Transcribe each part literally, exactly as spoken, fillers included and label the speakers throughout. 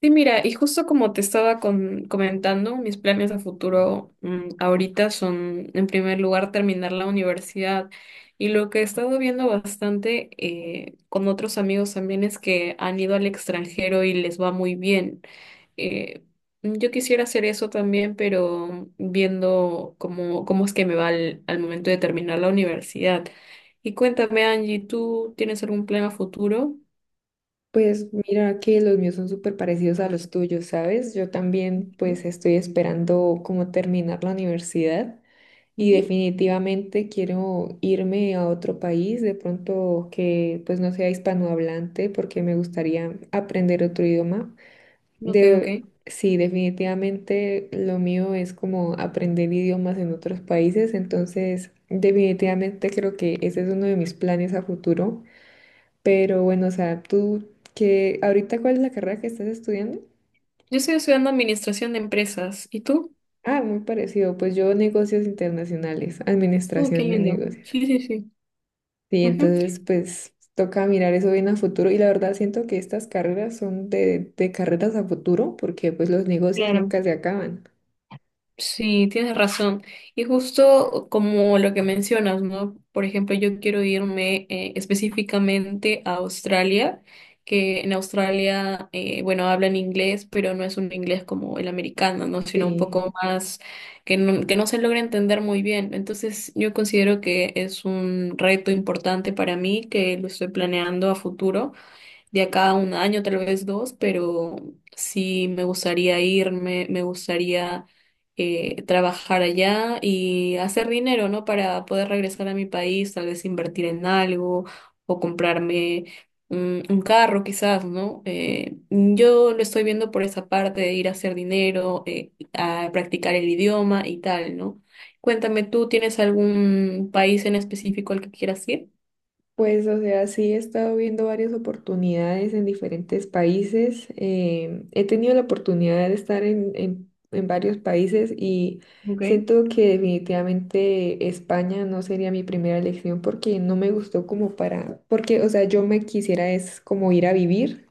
Speaker 1: Sí, mira, y justo como te estaba con- comentando, mis planes a futuro mm, ahorita son, en primer lugar, terminar la universidad. Y lo que he estado viendo bastante eh, con otros amigos también es que han ido al extranjero y les va muy bien. Eh, yo quisiera hacer eso también, pero viendo cómo, cómo es que me va al, al momento de terminar la universidad. Y cuéntame, Angie, ¿tú tienes algún plan a futuro?
Speaker 2: Pues mira que los míos son súper parecidos a los tuyos, ¿sabes? Yo también pues estoy esperando como terminar la universidad y
Speaker 1: Ujú.
Speaker 2: definitivamente quiero irme a otro país, de pronto que pues no sea hispanohablante porque me gustaría aprender otro idioma.
Speaker 1: Ok, ok.
Speaker 2: De, sí, definitivamente lo mío es como aprender idiomas en otros países, entonces definitivamente creo que ese es uno de mis planes a futuro. Pero bueno, o sea, tú que ahorita ¿cuál es la carrera que estás estudiando?
Speaker 1: Yo estoy estudiando administración de empresas. ¿Y tú?
Speaker 2: Ah, muy parecido. Pues yo negocios internacionales,
Speaker 1: Oh, qué
Speaker 2: administración de
Speaker 1: lindo.
Speaker 2: negocios.
Speaker 1: Sí, sí, sí.
Speaker 2: Sí,
Speaker 1: Ujú.
Speaker 2: entonces pues toca mirar eso bien a futuro y la verdad siento que estas carreras son de, de carreras a futuro porque pues los negocios
Speaker 1: Claro.
Speaker 2: nunca se acaban.
Speaker 1: Sí, tienes razón. Y justo como lo que mencionas, ¿no? Por ejemplo, yo quiero irme eh, específicamente a Australia, que en Australia, eh, bueno, hablan inglés, pero no es un inglés como el americano, ¿no? Sino un
Speaker 2: Sí.
Speaker 1: poco más que no, que no se logra entender muy bien. Entonces, yo considero que es un reto importante para mí, que lo estoy planeando a futuro de acá a un año, tal vez dos, pero sí me gustaría irme, me gustaría eh, trabajar allá y hacer dinero, ¿no? Para poder regresar a mi país, tal vez invertir en algo o comprarme un, un carro, quizás, ¿no? Eh, yo lo estoy viendo por esa parte de ir a hacer dinero, eh, a practicar el idioma y tal, ¿no? Cuéntame, ¿tú tienes algún país en específico al que quieras ir?
Speaker 2: Pues, o sea, sí he estado viendo varias oportunidades en diferentes países. Em, he tenido la oportunidad de estar en, en- en varios países y
Speaker 1: Okay,
Speaker 2: siento que definitivamente España no sería mi primera elección porque no me gustó como para, porque, o sea, yo me quisiera es como ir a vivir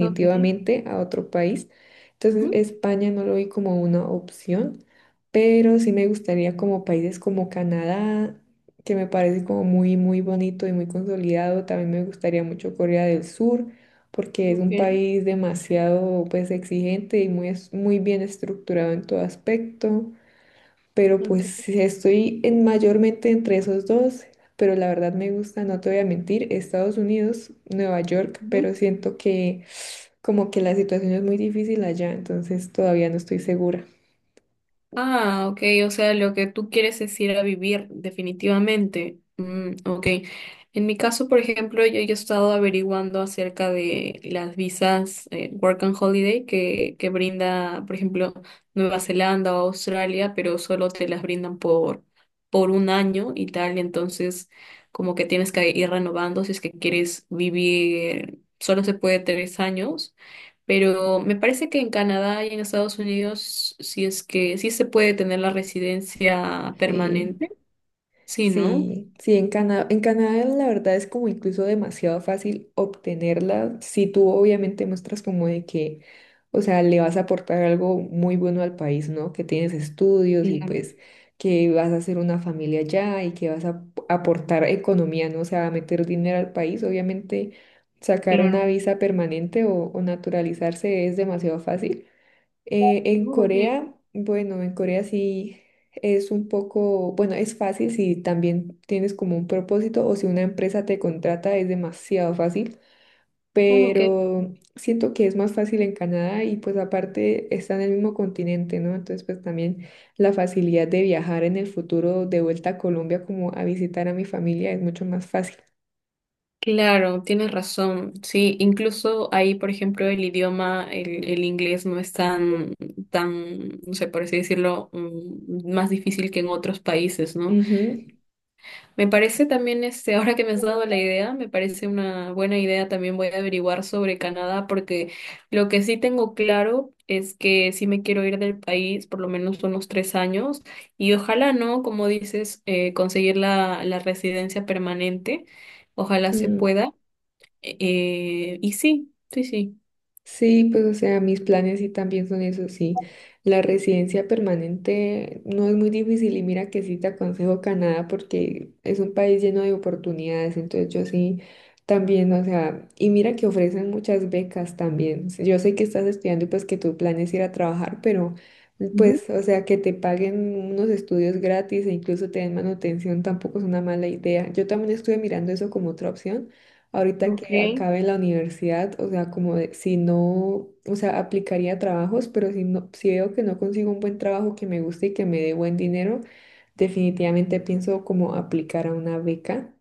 Speaker 1: okay,
Speaker 2: a otro país. Entonces,
Speaker 1: ujú,
Speaker 2: España no lo vi como una opción, pero sí me gustaría como países como Canadá que me parece como muy, muy bonito y muy consolidado. También me gustaría mucho Corea del Sur, porque es un
Speaker 1: okay,
Speaker 2: país demasiado, pues, exigente y muy, es- muy bien estructurado en todo aspecto. Pero
Speaker 1: ok.
Speaker 2: pues estoy en mayormente entre esos dos, pero la verdad me gusta, no te voy a mentir, Estados Unidos, Nueva York,
Speaker 1: Ujú.
Speaker 2: pero siento que como que la situación es muy difícil allá, entonces todavía no estoy segura.
Speaker 1: Ah, ok, o sea, lo que tú quieres es ir a vivir definitivamente. Mm, ok. En mi caso, por ejemplo, yo, yo he estado averiguando acerca de las visas eh, Work and Holiday que, que brinda, por ejemplo, Nueva Zelanda o Australia, pero solo te las brindan por, por un año y tal, entonces como que tienes que ir renovando si es que quieres vivir, solo se puede tres años. Pero me parece que en Canadá y en Estados Unidos, si es que sí se puede tener la residencia
Speaker 2: Sí.
Speaker 1: permanente, sí, ¿no?
Speaker 2: Sí, sí, en Canadá, en Canadá la verdad es como incluso demasiado fácil obtenerla si tú obviamente muestras como de que, o sea, le vas a aportar algo muy bueno al país, ¿no? Que tienes estudios y
Speaker 1: Claro,
Speaker 2: pues que vas a hacer una familia allá y que vas a aportar economía, ¿no? O sea, a meter dinero al país, obviamente sacar una
Speaker 1: claro.
Speaker 2: visa permanente o, o naturalizarse es demasiado fácil. Eh, en
Speaker 1: Oh, ok.
Speaker 2: Corea, bueno, en Corea sí es un poco, bueno, es fácil si también tienes como un propósito o si una empresa te contrata es demasiado fácil,
Speaker 1: Oh, ok.
Speaker 2: pero siento que es más fácil en Canadá y pues aparte está en el mismo continente, ¿no? Entonces pues también la facilidad de viajar en el futuro de vuelta a Colombia como a visitar a mi familia es mucho más fácil.
Speaker 1: Claro, tienes razón. Sí, incluso ahí, por ejemplo, el idioma, el, el inglés no es tan, tan, no sé, por así decirlo, mm, más difícil que en otros países, ¿no?
Speaker 2: Ujú.
Speaker 1: Me parece también, este, ahora que me has dado la idea, me parece una buena idea. También voy a averiguar sobre Canadá, porque lo que sí tengo claro es que sí me quiero ir del país por lo menos unos tres años y ojalá, ¿no? Como dices, eh, conseguir la, la residencia permanente. Ojalá se
Speaker 2: Mm.
Speaker 1: pueda. Eh, y sí, sí, sí.
Speaker 2: Sí, pues o sea, mis planes sí también son esos, sí. La residencia permanente no es muy difícil y mira que sí te aconsejo Canadá porque es un país lleno de oportunidades, entonces yo sí también, o sea, y mira que ofrecen muchas becas también. Yo sé que estás estudiando y pues que tu plan es ir a trabajar, pero
Speaker 1: Ujú.
Speaker 2: pues, o sea, que te paguen unos estudios gratis e incluso te den manutención tampoco es una mala idea. Yo también estuve mirando eso como otra opción ahorita
Speaker 1: Ok,
Speaker 2: que acabe la universidad, o sea, como de- si no, o sea, aplicaría trabajos, pero si no, si veo que no consigo un buen trabajo que me guste y que me dé buen dinero, definitivamente pienso como aplicar a una beca,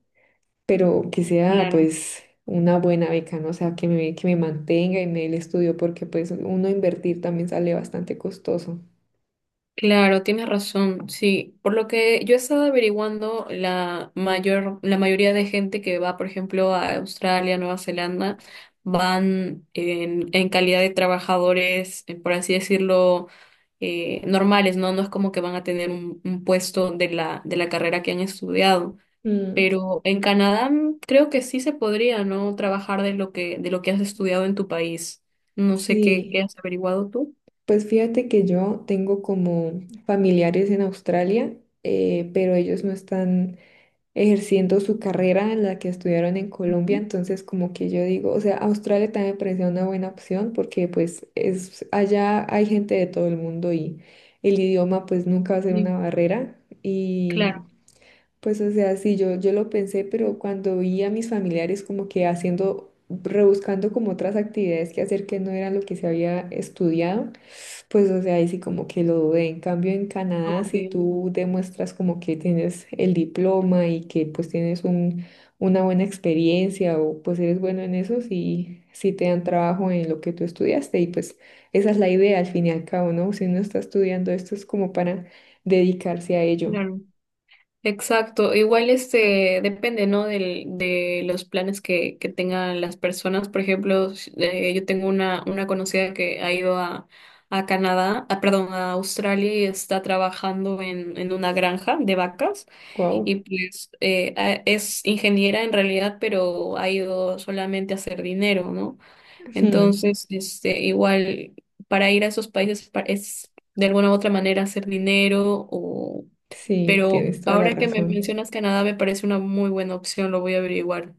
Speaker 2: pero que sea
Speaker 1: claro.
Speaker 2: pues una buena beca, ¿no? O sea, que me, que me mantenga y me dé el estudio, porque pues uno invertir también sale bastante costoso.
Speaker 1: Claro, tienes razón, sí. Por lo que yo he estado averiguando, la mayor, la mayoría de gente que va, por ejemplo, a Australia, Nueva Zelanda, van en, en calidad de trabajadores, eh, por así decirlo, eh, normales, ¿no? No es como que van a tener un, un puesto de la, de la carrera que han estudiado.
Speaker 2: Mm,
Speaker 1: Pero en Canadá mm, creo que sí se podría, ¿no? Trabajar de lo que, de lo que has estudiado en tu país. No sé qué, qué
Speaker 2: sí,
Speaker 1: has averiguado tú.
Speaker 2: pues fíjate que yo tengo como familiares en Australia, eh, pero ellos no están ejerciendo su carrera en la que estudiaron en Colombia, entonces como que yo digo, o sea, Australia también me parecía una buena opción porque pues es allá hay gente de todo el mundo y el idioma pues nunca va a ser una
Speaker 1: Sí,
Speaker 2: barrera y
Speaker 1: claro.
Speaker 2: pues o sea, sí, yo, yo lo pensé, pero cuando vi a mis familiares como que haciendo, rebuscando como otras actividades que hacer que no eran lo que se había estudiado, pues, o sea, ahí sí como que lo dudé. En cambio, en
Speaker 1: Ok,
Speaker 2: Canadá,
Speaker 1: ok.
Speaker 2: si tú demuestras como que tienes el diploma y que pues tienes un, una buena experiencia o pues eres bueno en eso, sí, sí te dan trabajo en lo que tú estudiaste y pues esa es la idea al fin y al cabo, ¿no? Si uno está estudiando esto es como para dedicarse a ello.
Speaker 1: Claro. Exacto. Igual este depende, ¿no? Del, de los planes que, que tengan las personas. Por ejemplo, s- eh, yo tengo una, una conocida que ha ido a, a Canadá, ah, perdón, a Australia y está trabajando en, en una granja de vacas y
Speaker 2: Wow.
Speaker 1: pues eh, a- es ingeniera en realidad, pero ha ido solamente a hacer dinero, ¿no? Entonces, este, igual para ir a esos países pa- es de alguna u otra manera hacer dinero,
Speaker 2: Sí,
Speaker 1: pero
Speaker 2: tienes toda la
Speaker 1: ahora que me
Speaker 2: razón.
Speaker 1: mencionas Canadá, me parece una muy buena opción, lo voy a averiguar.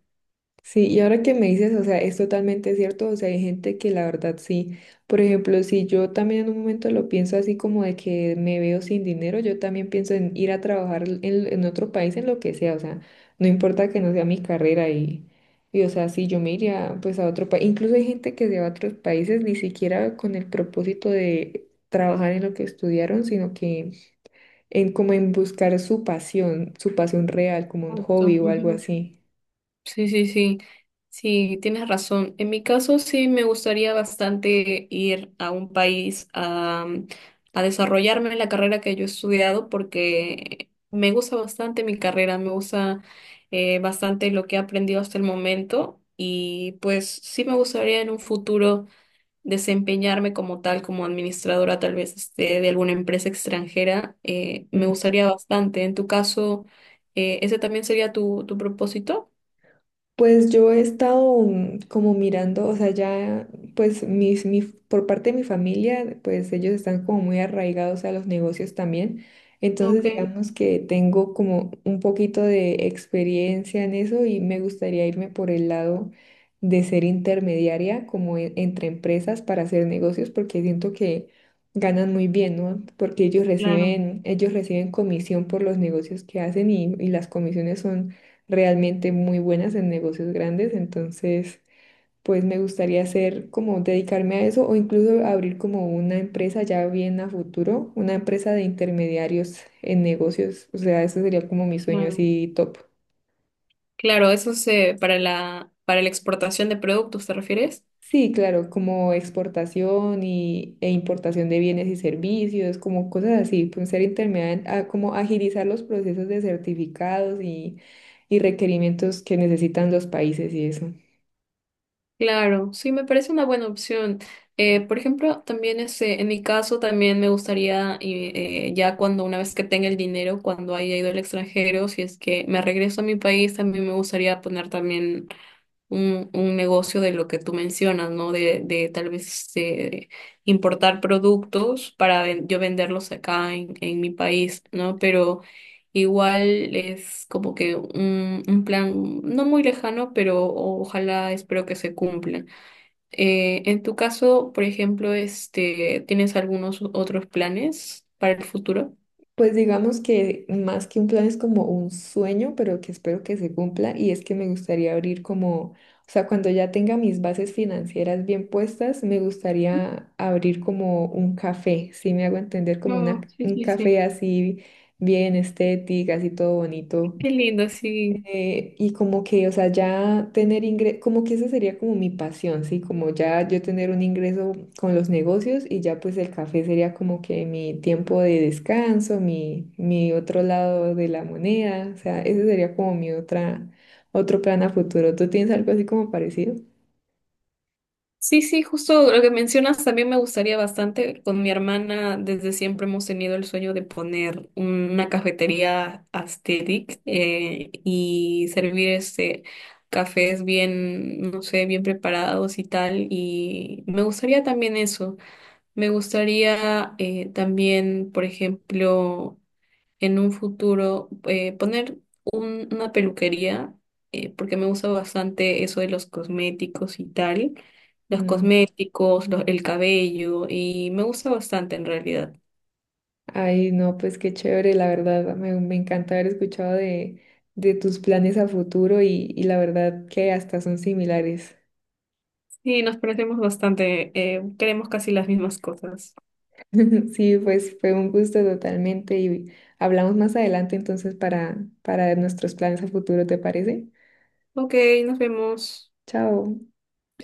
Speaker 2: Sí, y ahora que me dices, o sea, es totalmente cierto, o sea, hay gente que la verdad sí, por ejemplo, si yo también en un momento lo pienso así como de que me veo sin dinero, yo también pienso en ir a trabajar en, en otro país, en lo que sea, o sea, no importa que no sea mi carrera y, y o sea, sí, yo me iría pues a otro país, incluso hay gente que se va a otros países ni siquiera con el propósito de trabajar en lo que estudiaron, sino que en como en buscar su pasión, su pasión real, como un hobby
Speaker 1: Exacto,
Speaker 2: o algo
Speaker 1: ujú.
Speaker 2: así.
Speaker 1: Sí, sí, sí. Sí, tienes razón. En mi caso, sí me gustaría bastante ir a un país a, mm, a desarrollarme en la carrera que yo he estudiado porque me gusta bastante mi carrera, me gusta eh, bastante lo que he aprendido hasta el momento y pues sí me gustaría en un futuro desempeñarme como tal, como administradora tal vez este, de alguna empresa extranjera, eh, me
Speaker 2: Mm.
Speaker 1: gustaría bastante. En tu caso, eh, ¿ese también sería tu, tu propósito?
Speaker 2: Pues yo he estado mm, como mirando, o sea, ya, pues mis, mi, por parte de mi familia, pues ellos están como muy arraigados a los negocios también. Entonces,
Speaker 1: Ok,
Speaker 2: digamos que tengo como un poquito de experiencia en eso y me gustaría irme por el lado de ser intermediaria como en- entre empresas para hacer negocios porque siento que ganan muy bien, ¿no? Porque ellos
Speaker 1: claro,
Speaker 2: reciben, ellos reciben comisión por los negocios que hacen y, y las comisiones son realmente muy buenas en negocios grandes, entonces pues me gustaría hacer como dedicarme a eso o incluso abrir como una empresa ya bien a futuro, una empresa de intermediarios en negocios, o sea, eso sería como mi sueño
Speaker 1: claro.
Speaker 2: así top.
Speaker 1: Claro, eso es eh, para la, para la exportación de productos, ¿te refieres?
Speaker 2: Sí, claro, como exportación y, e importación de bienes y servicios, como cosas así, pues ser intermediario, a- como agilizar los procesos de certificados y, y requerimientos que necesitan los países y eso.
Speaker 1: Claro, sí, me parece una buena opción. Eh, por ejemplo, también este, en mi caso, también me gustaría, eh, eh, ya cuando una vez que tenga el dinero, cuando haya ido al extranjero, si es que me regreso a mi país, también me gustaría poner también un, un negocio de lo que tú mencionas, ¿no? De, de tal vez eh, importar productos para ven- yo venderlos acá en, en mi país, ¿no? Pero igual es como que un, un plan no muy lejano, pero ojalá espero que se cumpla. Eh, en tu caso, por ejemplo, este, ¿tienes algunos otros planes para el futuro?
Speaker 2: Pues digamos que más que un plan es como un sueño, pero que espero que se cumpla y es que me gustaría abrir como, o sea, cuando ya tenga mis bases financieras bien puestas, me gustaría abrir como un café, si me hago entender, como
Speaker 1: Oh,
Speaker 2: una,
Speaker 1: sí,
Speaker 2: un
Speaker 1: sí, sí.
Speaker 2: café así bien estético, así todo bonito
Speaker 1: Qué lindo, sí.
Speaker 2: eh, y como que, o sea, ya tener ingreso, como que esa sería como mi pasión, ¿sí? Como ya yo tener un ingreso con los negocios y ya pues el café sería como que mi tiempo de descanso, mi, mi otro lado de la moneda, o sea, ese sería como mi otra, otro plan a futuro. ¿Tú tienes algo así como parecido?
Speaker 1: Sí, sí, justo lo que mencionas también me gustaría bastante. Con mi hermana desde siempre hemos tenido el sueño de poner una cafetería aesthetic eh, y servir este cafés bien, no sé, bien preparados y tal. Y me gustaría también eso. Me gustaría eh, también, por ejemplo, en un futuro eh, poner un- una peluquería, eh, porque me gusta bastante eso de los cosméticos y tal, los
Speaker 2: Mm.
Speaker 1: cosméticos, los- el cabello, y me gusta bastante en realidad.
Speaker 2: Ay, no, pues qué chévere, la verdad, me, me encanta haber escuchado de, de tus planes a futuro y, y la verdad que hasta son similares.
Speaker 1: Sí, nos parecemos bastante, eh, queremos casi las mismas cosas.
Speaker 2: Sí, pues fue un gusto totalmente y hablamos más adelante entonces para, para nuestros planes a futuro, ¿te parece?
Speaker 1: Ok, nos vemos.
Speaker 2: Chao.